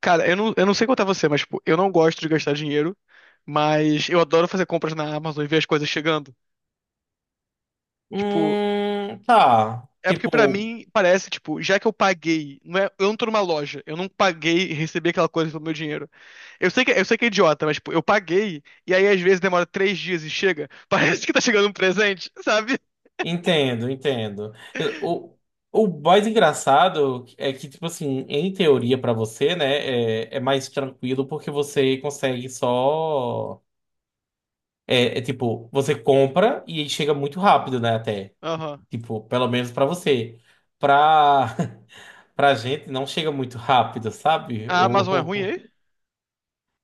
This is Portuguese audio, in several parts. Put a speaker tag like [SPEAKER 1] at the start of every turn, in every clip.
[SPEAKER 1] Cara, eu não sei quanto é você, mas, tipo, eu não gosto de gastar dinheiro, mas eu adoro fazer compras na Amazon e ver as coisas chegando. Tipo,
[SPEAKER 2] Tá.
[SPEAKER 1] é porque pra mim parece, tipo, já que eu paguei, não é, eu não tô numa loja, eu não paguei e recebi aquela coisa pelo meu dinheiro. Eu sei que é idiota, mas, tipo, eu paguei e aí às vezes demora 3 dias e chega. Parece que tá chegando um presente, sabe?
[SPEAKER 2] Entendo, entendo. Eu- O, o mais engraçado é que, tipo assim, em teoria pra você, né, é mais tranquilo porque você consegue só. É tipo, você compra e aí chega muito rápido, né, até.
[SPEAKER 1] Aham.
[SPEAKER 2] Tipo, pelo menos pra você. Pra, pra gente não chega muito rápido, sabe?
[SPEAKER 1] A Amazon é ruim aí?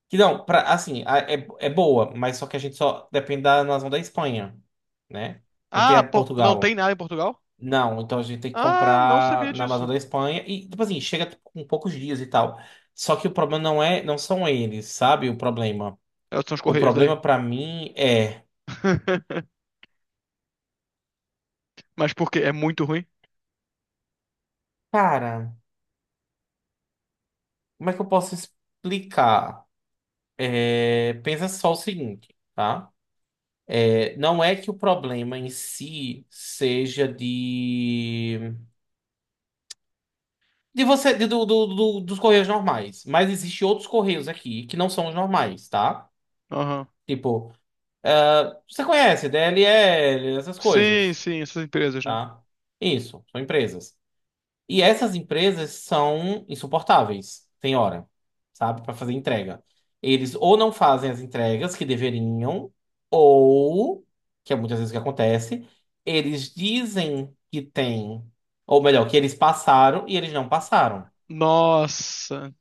[SPEAKER 2] Que não, pra, assim, é, é boa, mas só que a gente só depende da nação da Espanha, né? Não tem
[SPEAKER 1] Ah,
[SPEAKER 2] a
[SPEAKER 1] pô, não tem
[SPEAKER 2] Portugal.
[SPEAKER 1] nada em Portugal?
[SPEAKER 2] Não, então a gente tem que
[SPEAKER 1] Ah, não
[SPEAKER 2] comprar
[SPEAKER 1] sabia
[SPEAKER 2] na Amazon
[SPEAKER 1] disso.
[SPEAKER 2] da Espanha e, tipo assim, chega tipo, com poucos dias e tal. Só que o problema não é, não são eles, sabe? O problema.
[SPEAKER 1] É, são os
[SPEAKER 2] O
[SPEAKER 1] Correios daí.
[SPEAKER 2] problema pra mim é,
[SPEAKER 1] Mas por quê? É muito ruim?
[SPEAKER 2] cara, como é que eu posso explicar? É, pensa só o seguinte, tá? É, não é que o problema em si seja de você, dos correios normais. Mas existem outros correios aqui que não são os normais, tá?
[SPEAKER 1] Aham.
[SPEAKER 2] Tipo, ah, você conhece DLL, essas
[SPEAKER 1] Sim,
[SPEAKER 2] coisas,
[SPEAKER 1] sim, essas empresas, né?
[SPEAKER 2] tá? Isso, são empresas. E essas empresas são insuportáveis, tem hora, sabe? Para fazer entrega. Eles ou não fazem as entregas que deveriam, ou, que é muitas vezes o que acontece, eles dizem que tem, ou melhor, que eles passaram e eles não passaram.
[SPEAKER 1] Nossa.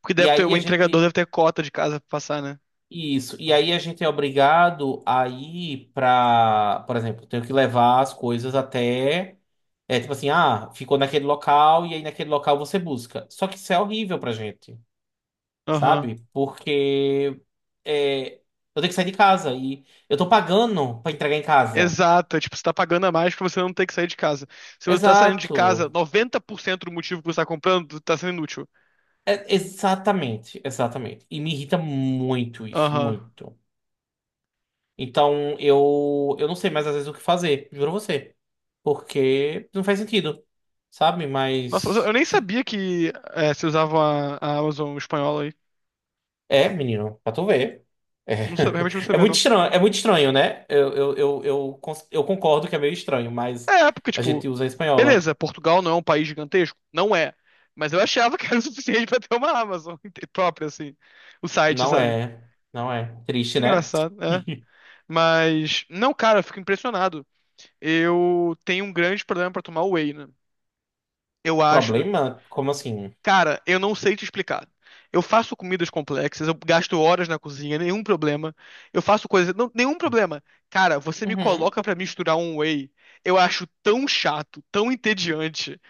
[SPEAKER 1] Porque
[SPEAKER 2] E
[SPEAKER 1] deve ter,
[SPEAKER 2] aí
[SPEAKER 1] o
[SPEAKER 2] a
[SPEAKER 1] entregador
[SPEAKER 2] gente
[SPEAKER 1] deve ter cota de casa pra passar, né?
[SPEAKER 2] Isso. E aí a gente é obrigado a ir pra, por exemplo, tenho que levar as coisas até. É tipo assim, ah, ficou naquele local e aí naquele local você busca. Só que isso é horrível pra gente,
[SPEAKER 1] Aham.
[SPEAKER 2] sabe? Porque é, eu tenho que sair de casa e eu tô pagando pra entregar em casa.
[SPEAKER 1] Exato. É tipo, você tá pagando a mais pra você não ter que sair de casa. Se você tá saindo de casa,
[SPEAKER 2] Exato.
[SPEAKER 1] 90% do motivo que você tá comprando tá sendo inútil.
[SPEAKER 2] Exatamente, exatamente. E me irrita muito isso,
[SPEAKER 1] Aham.
[SPEAKER 2] muito. Então eu não sei mais às vezes o que fazer, juro a você. Porque não faz sentido, sabe?
[SPEAKER 1] Nossa, mas eu
[SPEAKER 2] Mas.
[SPEAKER 1] nem sabia que é, se usava a Amazon espanhola aí.
[SPEAKER 2] É, menino, pra tu ver.
[SPEAKER 1] Não sabia, realmente não
[SPEAKER 2] É,
[SPEAKER 1] sabia, não.
[SPEAKER 2] é muito estranho, né? Eu concordo que é meio estranho, mas
[SPEAKER 1] É, porque,
[SPEAKER 2] a
[SPEAKER 1] tipo,
[SPEAKER 2] gente usa a espanhola.
[SPEAKER 1] beleza, Portugal não é um país gigantesco? Não é. Mas eu achava que era o suficiente pra ter uma Amazon própria, assim. O site,
[SPEAKER 2] Não
[SPEAKER 1] sabe?
[SPEAKER 2] é. Não é. Triste, né?
[SPEAKER 1] Engraçado, é. Mas, não, cara, eu fico impressionado. Eu tenho um grande problema pra tomar whey, né? Eu acho.
[SPEAKER 2] Problema? Como assim?
[SPEAKER 1] Cara, eu não sei te explicar. Eu faço comidas complexas, eu gasto horas na cozinha, nenhum problema. Eu faço coisas. Não, nenhum problema. Cara, você me
[SPEAKER 2] Uhum.
[SPEAKER 1] coloca pra misturar um whey. Eu acho tão chato, tão entediante.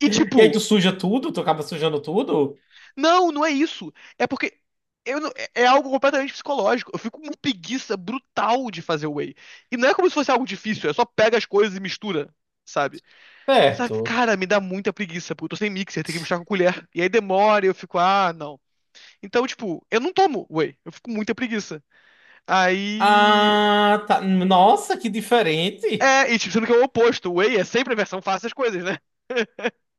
[SPEAKER 1] E
[SPEAKER 2] E
[SPEAKER 1] tipo,
[SPEAKER 2] aí tu suja tudo? Tu acaba sujando tudo?
[SPEAKER 1] não, não é isso. É porque. Eu não- é é algo completamente psicológico. Eu fico com uma preguiça brutal de fazer whey. E não é como se fosse algo difícil, é só pega as coisas e mistura, sabe? Só que,
[SPEAKER 2] Certo.
[SPEAKER 1] cara, me dá muita preguiça, porque eu tô sem mixer, tem que buscar com colher. E aí demora e eu fico, ah, não. Então, tipo, eu não tomo whey, eu fico com muita preguiça. Aí.
[SPEAKER 2] Ah, tá. Nossa, que diferente.
[SPEAKER 1] É, e tipo, sendo que é o oposto, whey é sempre a versão fácil das coisas, né?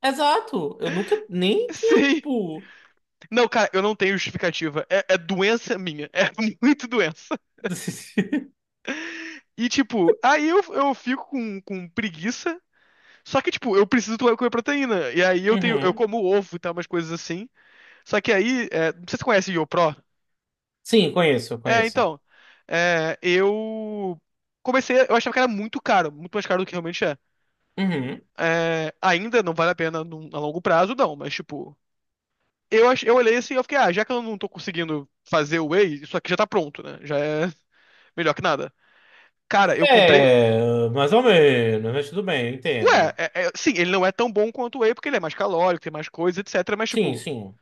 [SPEAKER 2] Exato. Eu nunca nem tinha,
[SPEAKER 1] Sim.
[SPEAKER 2] tipo.
[SPEAKER 1] Não, cara, eu não tenho justificativa. É, é doença minha. É muito doença. E, tipo, aí eu fico com preguiça. Só que, tipo, eu preciso tomar- comer proteína. E aí eu tenho, eu
[SPEAKER 2] Uhum.
[SPEAKER 1] como ovo e tal, umas coisas assim. Só que aí, é, não sei se você conhece o YoPro.
[SPEAKER 2] Sim, conheço,
[SPEAKER 1] É,
[SPEAKER 2] conheço.
[SPEAKER 1] então. Eu comecei, eu achava que era muito caro, muito mais caro do que realmente é.
[SPEAKER 2] Uhum.
[SPEAKER 1] É, ainda não vale a pena num- a longo prazo, não, mas tipo, eu, ach- eu olhei assim e eu fiquei, ah, já que eu não tô conseguindo fazer o Whey, isso aqui já tá pronto, né? Já é melhor que nada. Cara, eu comprei.
[SPEAKER 2] É, mais ou menos, mas tudo bem, eu
[SPEAKER 1] Ué,
[SPEAKER 2] entendo.
[SPEAKER 1] é- é- sim, ele não é tão bom quanto o Whey, porque ele é mais calórico, tem mais coisa, etc. Mas,
[SPEAKER 2] Sim,
[SPEAKER 1] tipo,
[SPEAKER 2] sim.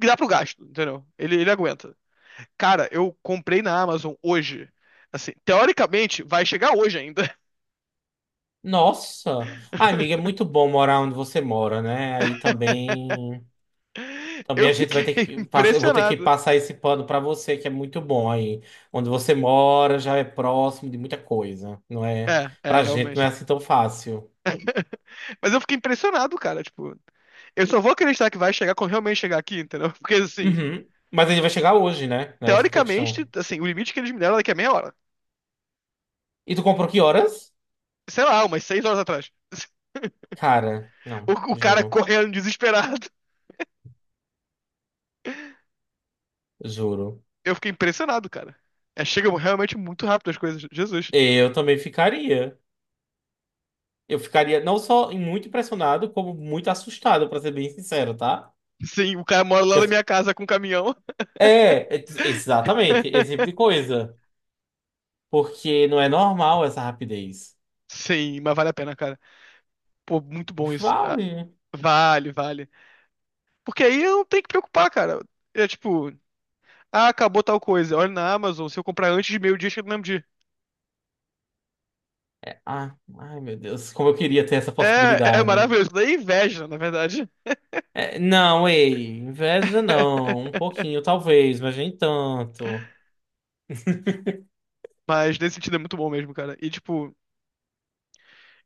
[SPEAKER 1] dá pro gasto, entendeu? Ele aguenta. Cara, eu comprei na Amazon hoje. Assim, teoricamente, vai chegar hoje ainda.
[SPEAKER 2] Nossa. Ah, amiga, é muito bom morar onde você mora, né? Aí também. Também
[SPEAKER 1] Eu
[SPEAKER 2] a gente vai
[SPEAKER 1] fiquei
[SPEAKER 2] ter que passar, eu vou ter que
[SPEAKER 1] impressionado.
[SPEAKER 2] passar esse pano pra você, que é muito bom aí. Onde você mora já é próximo de muita coisa, não é?
[SPEAKER 1] É, é,
[SPEAKER 2] Pra gente não é
[SPEAKER 1] realmente.
[SPEAKER 2] assim tão fácil.
[SPEAKER 1] Mas eu fiquei impressionado, cara. Tipo, eu só vou acreditar que vai chegar quando realmente chegar aqui, entendeu? Porque, assim,
[SPEAKER 2] Uhum. Mas ele vai chegar hoje, né? É essa que é a
[SPEAKER 1] teoricamente,
[SPEAKER 2] questão.
[SPEAKER 1] assim, o limite que eles me deram é daqui a meia hora.
[SPEAKER 2] E tu comprou que horas?
[SPEAKER 1] Sei lá, umas 6 horas atrás.
[SPEAKER 2] Cara,
[SPEAKER 1] O,
[SPEAKER 2] não,
[SPEAKER 1] o cara
[SPEAKER 2] juro,
[SPEAKER 1] correndo desesperado.
[SPEAKER 2] juro.
[SPEAKER 1] Eu fiquei impressionado, cara. É, chega realmente muito rápido as coisas. Jesus.
[SPEAKER 2] Eu também ficaria. Eu ficaria não só muito impressionado, como muito assustado, pra ser bem sincero, tá?
[SPEAKER 1] Sim, o cara mora lá
[SPEAKER 2] Que
[SPEAKER 1] na
[SPEAKER 2] as-
[SPEAKER 1] minha casa com um caminhão.
[SPEAKER 2] É, é, exatamente, esse tipo de coisa. Porque não é normal essa rapidez.
[SPEAKER 1] Sim, mas vale a pena, cara. Pô, muito bom isso. Ah,
[SPEAKER 2] Vale.
[SPEAKER 1] vale, vale. Porque aí eu não tenho que preocupar, cara. É tipo, ah, acabou tal coisa. Olha na Amazon, se eu comprar antes de meio-dia, chega no mesmo dia.
[SPEAKER 2] Ah, ai, meu Deus, como eu queria ter essa
[SPEAKER 1] É
[SPEAKER 2] possibilidade.
[SPEAKER 1] maravilhoso. Daí é inveja, na verdade.
[SPEAKER 2] É, não, ei, inveja não. Um pouquinho, talvez, mas nem tanto.
[SPEAKER 1] Mas nesse sentido é muito bom mesmo, cara. E tipo,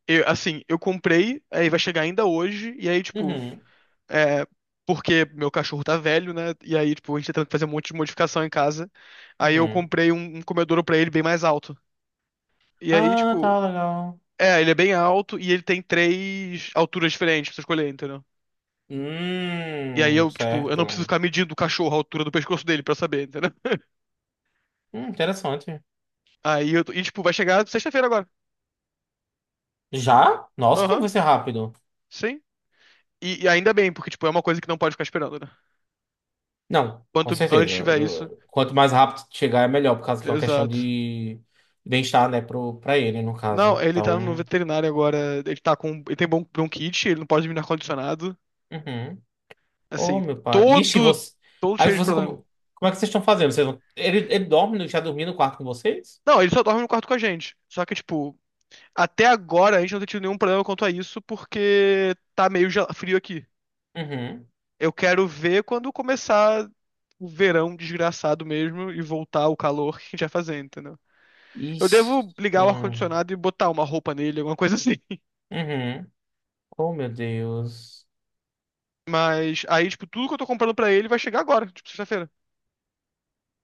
[SPEAKER 1] assim, eu comprei, aí vai chegar ainda hoje, e aí, tipo,
[SPEAKER 2] Uhum.
[SPEAKER 1] é. Porque meu cachorro tá velho, né? E aí, tipo, a gente tá tentando fazer um monte de modificação em casa. Aí eu
[SPEAKER 2] Uhum.
[SPEAKER 1] comprei um comedouro pra ele bem mais alto. E aí,
[SPEAKER 2] Ah, tá
[SPEAKER 1] tipo,
[SPEAKER 2] legal.
[SPEAKER 1] é, ele é bem alto e ele tem 3 alturas diferentes pra você escolher, entendeu? E aí eu, tipo, eu não preciso
[SPEAKER 2] Certo.
[SPEAKER 1] ficar medindo o cachorro a altura do pescoço dele pra saber, entendeu?
[SPEAKER 2] Interessante.
[SPEAKER 1] Aí eu. E, tipo, vai chegar sexta-feira agora.
[SPEAKER 2] Já? Nossa, como
[SPEAKER 1] Aham,
[SPEAKER 2] vai ser rápido.
[SPEAKER 1] sim. E ainda bem, porque, tipo, é uma coisa que não pode ficar esperando, né?
[SPEAKER 2] Não, com
[SPEAKER 1] Quanto antes
[SPEAKER 2] certeza.
[SPEAKER 1] tiver isso.
[SPEAKER 2] Quanto mais rápido chegar, é melhor, por causa que é uma questão
[SPEAKER 1] Exato.
[SPEAKER 2] de bem-estar, né, pra ele, no caso.
[SPEAKER 1] Não, ele
[SPEAKER 2] Então,
[SPEAKER 1] tá no veterinário agora. Ele tá com. Ele tem bronquite, ele não pode dormir no ar-condicionado.
[SPEAKER 2] uhum. Oh,
[SPEAKER 1] Assim,
[SPEAKER 2] meu pai. Ixi,
[SPEAKER 1] todo.
[SPEAKER 2] você...
[SPEAKER 1] Todo
[SPEAKER 2] Aí
[SPEAKER 1] cheio de
[SPEAKER 2] você,
[SPEAKER 1] problema.
[SPEAKER 2] como... Como é que vocês estão fazendo? Ele dorme, já dormiu no quarto com vocês?
[SPEAKER 1] Não, ele só dorme no quarto com a gente. Só que, tipo, até agora a gente não tem tido nenhum problema quanto a isso, porque tá meio frio aqui.
[SPEAKER 2] Uhum.
[SPEAKER 1] Eu quero ver quando começar o verão desgraçado mesmo e voltar o calor que a gente vai fazer, entendeu? Eu
[SPEAKER 2] Ixi.
[SPEAKER 1] devo ligar o
[SPEAKER 2] Hum.
[SPEAKER 1] ar-condicionado e botar uma roupa nele, alguma coisa assim.
[SPEAKER 2] Uhum. Oh, meu Deus.
[SPEAKER 1] Mas aí, tipo, tudo que eu tô comprando pra ele vai chegar agora, tipo, sexta-feira.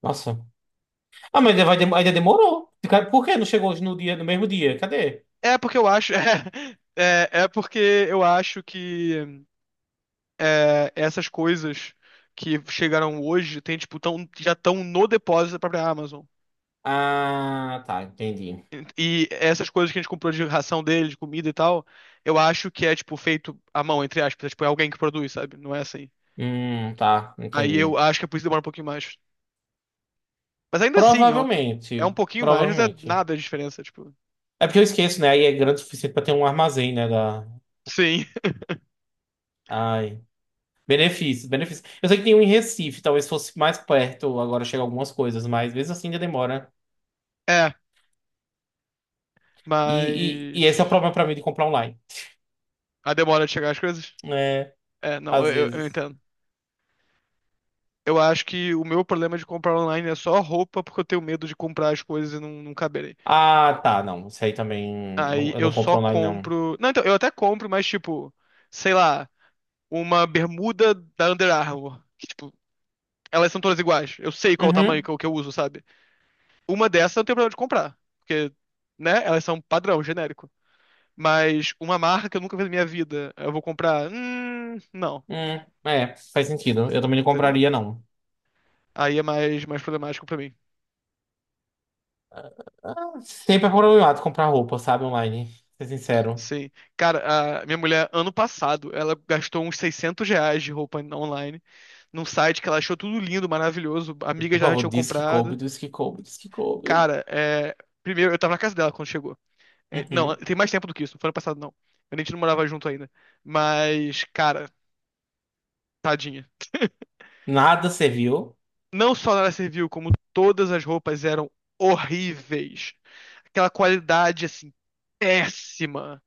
[SPEAKER 2] Nossa. Ah, mas ainda, ainda demorou. Por que não chegou hoje no dia, no mesmo dia? Cadê?
[SPEAKER 1] É porque eu acho. É porque eu acho que essas coisas que chegaram hoje tem, tipo, tão, já estão no depósito da própria Amazon.
[SPEAKER 2] Ah, tá, entendi.
[SPEAKER 1] E essas coisas que a gente comprou de ração dele, de comida e tal, eu acho que é, tipo, feito à mão, entre aspas. É, tipo, é alguém que produz, sabe? Não é assim.
[SPEAKER 2] Tá,
[SPEAKER 1] Aí eu
[SPEAKER 2] entendi.
[SPEAKER 1] acho que é por isso que demora um pouquinho mais. Mas ainda assim, é um
[SPEAKER 2] Provavelmente,
[SPEAKER 1] pouquinho mais, mas é
[SPEAKER 2] provavelmente.
[SPEAKER 1] nada de diferença, tipo.
[SPEAKER 2] É porque eu esqueço, né? Aí é grande o suficiente pra ter um armazém, né? Da...
[SPEAKER 1] Sim,
[SPEAKER 2] Ai. Benefícios, benefícios. Eu sei que tem um em Recife, talvez fosse mais perto, agora chega algumas coisas, mas mesmo assim ainda demora.
[SPEAKER 1] é.
[SPEAKER 2] E, e,
[SPEAKER 1] Mas.
[SPEAKER 2] e esse é o problema pra mim de comprar online.
[SPEAKER 1] A demora de chegar as coisas?
[SPEAKER 2] É,
[SPEAKER 1] É, não,
[SPEAKER 2] às
[SPEAKER 1] eu
[SPEAKER 2] vezes.
[SPEAKER 1] entendo. Eu acho que o meu problema de comprar online é só roupa, porque eu tenho medo de comprar as coisas e não caberem.
[SPEAKER 2] Ah, tá, não. Isso aí também.
[SPEAKER 1] Aí
[SPEAKER 2] Eu
[SPEAKER 1] eu
[SPEAKER 2] não
[SPEAKER 1] só
[SPEAKER 2] compro online, não.
[SPEAKER 1] compro. Não, então, eu até compro, mas tipo, sei lá, uma bermuda da Under Armour. Que, tipo, elas são todas iguais. Eu sei qual o tamanho
[SPEAKER 2] Uhum.
[SPEAKER 1] que eu uso, sabe? Uma dessas eu tenho problema de comprar. Porque, né? Elas são padrão, genérico. Mas uma marca que eu nunca vi na minha vida, eu vou comprar. Não,
[SPEAKER 2] Hum, é, faz sentido. Eu também não
[SPEAKER 1] entendeu?
[SPEAKER 2] compraria, não.
[SPEAKER 1] Aí é mais problemático pra mim.
[SPEAKER 2] Ah, sempre é problemático comprar roupa, sabe, online. Ser sincero.
[SPEAKER 1] Sim. Cara, a minha mulher, ano passado, ela gastou uns R$ 600 de roupa online, num site que ela achou tudo lindo, maravilhoso, amigas
[SPEAKER 2] Por
[SPEAKER 1] já
[SPEAKER 2] favor,
[SPEAKER 1] tinham
[SPEAKER 2] diz que coube,
[SPEAKER 1] comprado.
[SPEAKER 2] diz que coube, diz que coube.
[SPEAKER 1] Cara, é... primeiro, eu tava na casa dela quando chegou. É, não,
[SPEAKER 2] Uhum.
[SPEAKER 1] tem mais tempo do que isso, não foi ano passado, não. A gente não morava junto ainda. Mas, cara, tadinha.
[SPEAKER 2] Nada serviu.
[SPEAKER 1] Não só ela serviu, como todas as roupas eram horríveis. Aquela qualidade, assim, péssima.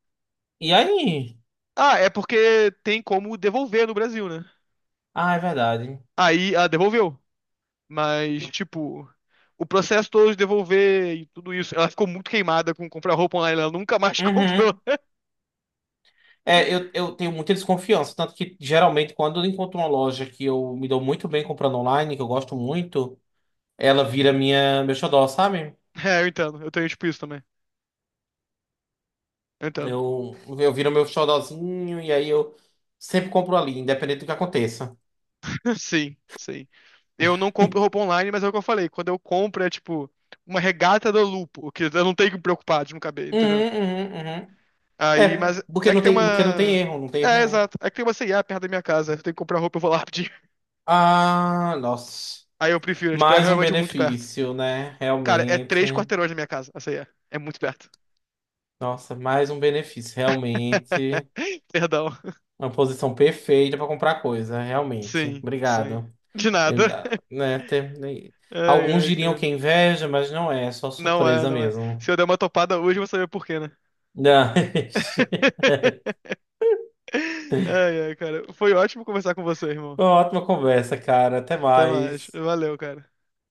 [SPEAKER 2] E aí?
[SPEAKER 1] Ah, é porque tem como devolver no Brasil, né?
[SPEAKER 2] Ah, é verdade.
[SPEAKER 1] Aí ela devolveu. Mas, tipo, o processo todo de devolver e tudo isso. Ela ficou muito queimada com comprar roupa online, ela nunca mais comprou.
[SPEAKER 2] Uhum. É, eu tenho muita desconfiança. Tanto que, geralmente, quando eu encontro uma loja que eu me dou muito bem comprando online, que eu gosto muito, ela vira meu xodó, sabe?
[SPEAKER 1] É, eu entendo. Eu tenho, tipo, isso também. Eu entendo.
[SPEAKER 2] Eu, eu viro meu xodózinho e aí eu sempre compro ali, independente do que aconteça.
[SPEAKER 1] Sim, sim. Eu não compro roupa online, mas é o que eu falei. Quando eu compro é tipo uma regata da Lupo, que eu não tenho que me preocupar de não caber, entendeu?
[SPEAKER 2] Uhum, uhum, uhum.
[SPEAKER 1] Aí,
[SPEAKER 2] É,
[SPEAKER 1] mas é que tem
[SPEAKER 2] porque não tem
[SPEAKER 1] uma.
[SPEAKER 2] erro, não tem erro
[SPEAKER 1] É,
[SPEAKER 2] nenhum.
[SPEAKER 1] exato. É que tem uma C&A perto da minha casa. Eu tenho que comprar roupa, eu vou lá pedir.
[SPEAKER 2] Ah, nossa.
[SPEAKER 1] Aí eu prefiro, é, tipo, é
[SPEAKER 2] Mais um
[SPEAKER 1] realmente muito perto.
[SPEAKER 2] benefício, né?
[SPEAKER 1] Cara, é
[SPEAKER 2] Realmente.
[SPEAKER 1] 3 quarteirões da minha casa, a C&A. É muito perto.
[SPEAKER 2] Nossa, mais um benefício, realmente.
[SPEAKER 1] Perdão.
[SPEAKER 2] Uma posição perfeita para comprar coisa, realmente.
[SPEAKER 1] Sim, sim.
[SPEAKER 2] Obrigado.
[SPEAKER 1] De
[SPEAKER 2] Eu,
[SPEAKER 1] nada.
[SPEAKER 2] ah, né, tem- né,
[SPEAKER 1] Ai,
[SPEAKER 2] Alguns
[SPEAKER 1] ai,
[SPEAKER 2] diriam que
[SPEAKER 1] cara.
[SPEAKER 2] é inveja, mas não é, é só
[SPEAKER 1] Não é,
[SPEAKER 2] surpresa
[SPEAKER 1] não é.
[SPEAKER 2] mesmo.
[SPEAKER 1] Se eu der uma topada hoje, eu vou saber por quê, né?
[SPEAKER 2] Não.
[SPEAKER 1] Ai, ai, cara. Foi ótimo conversar com você, irmão.
[SPEAKER 2] Ótima conversa, cara. Até
[SPEAKER 1] Até mais.
[SPEAKER 2] mais.
[SPEAKER 1] Valeu, cara.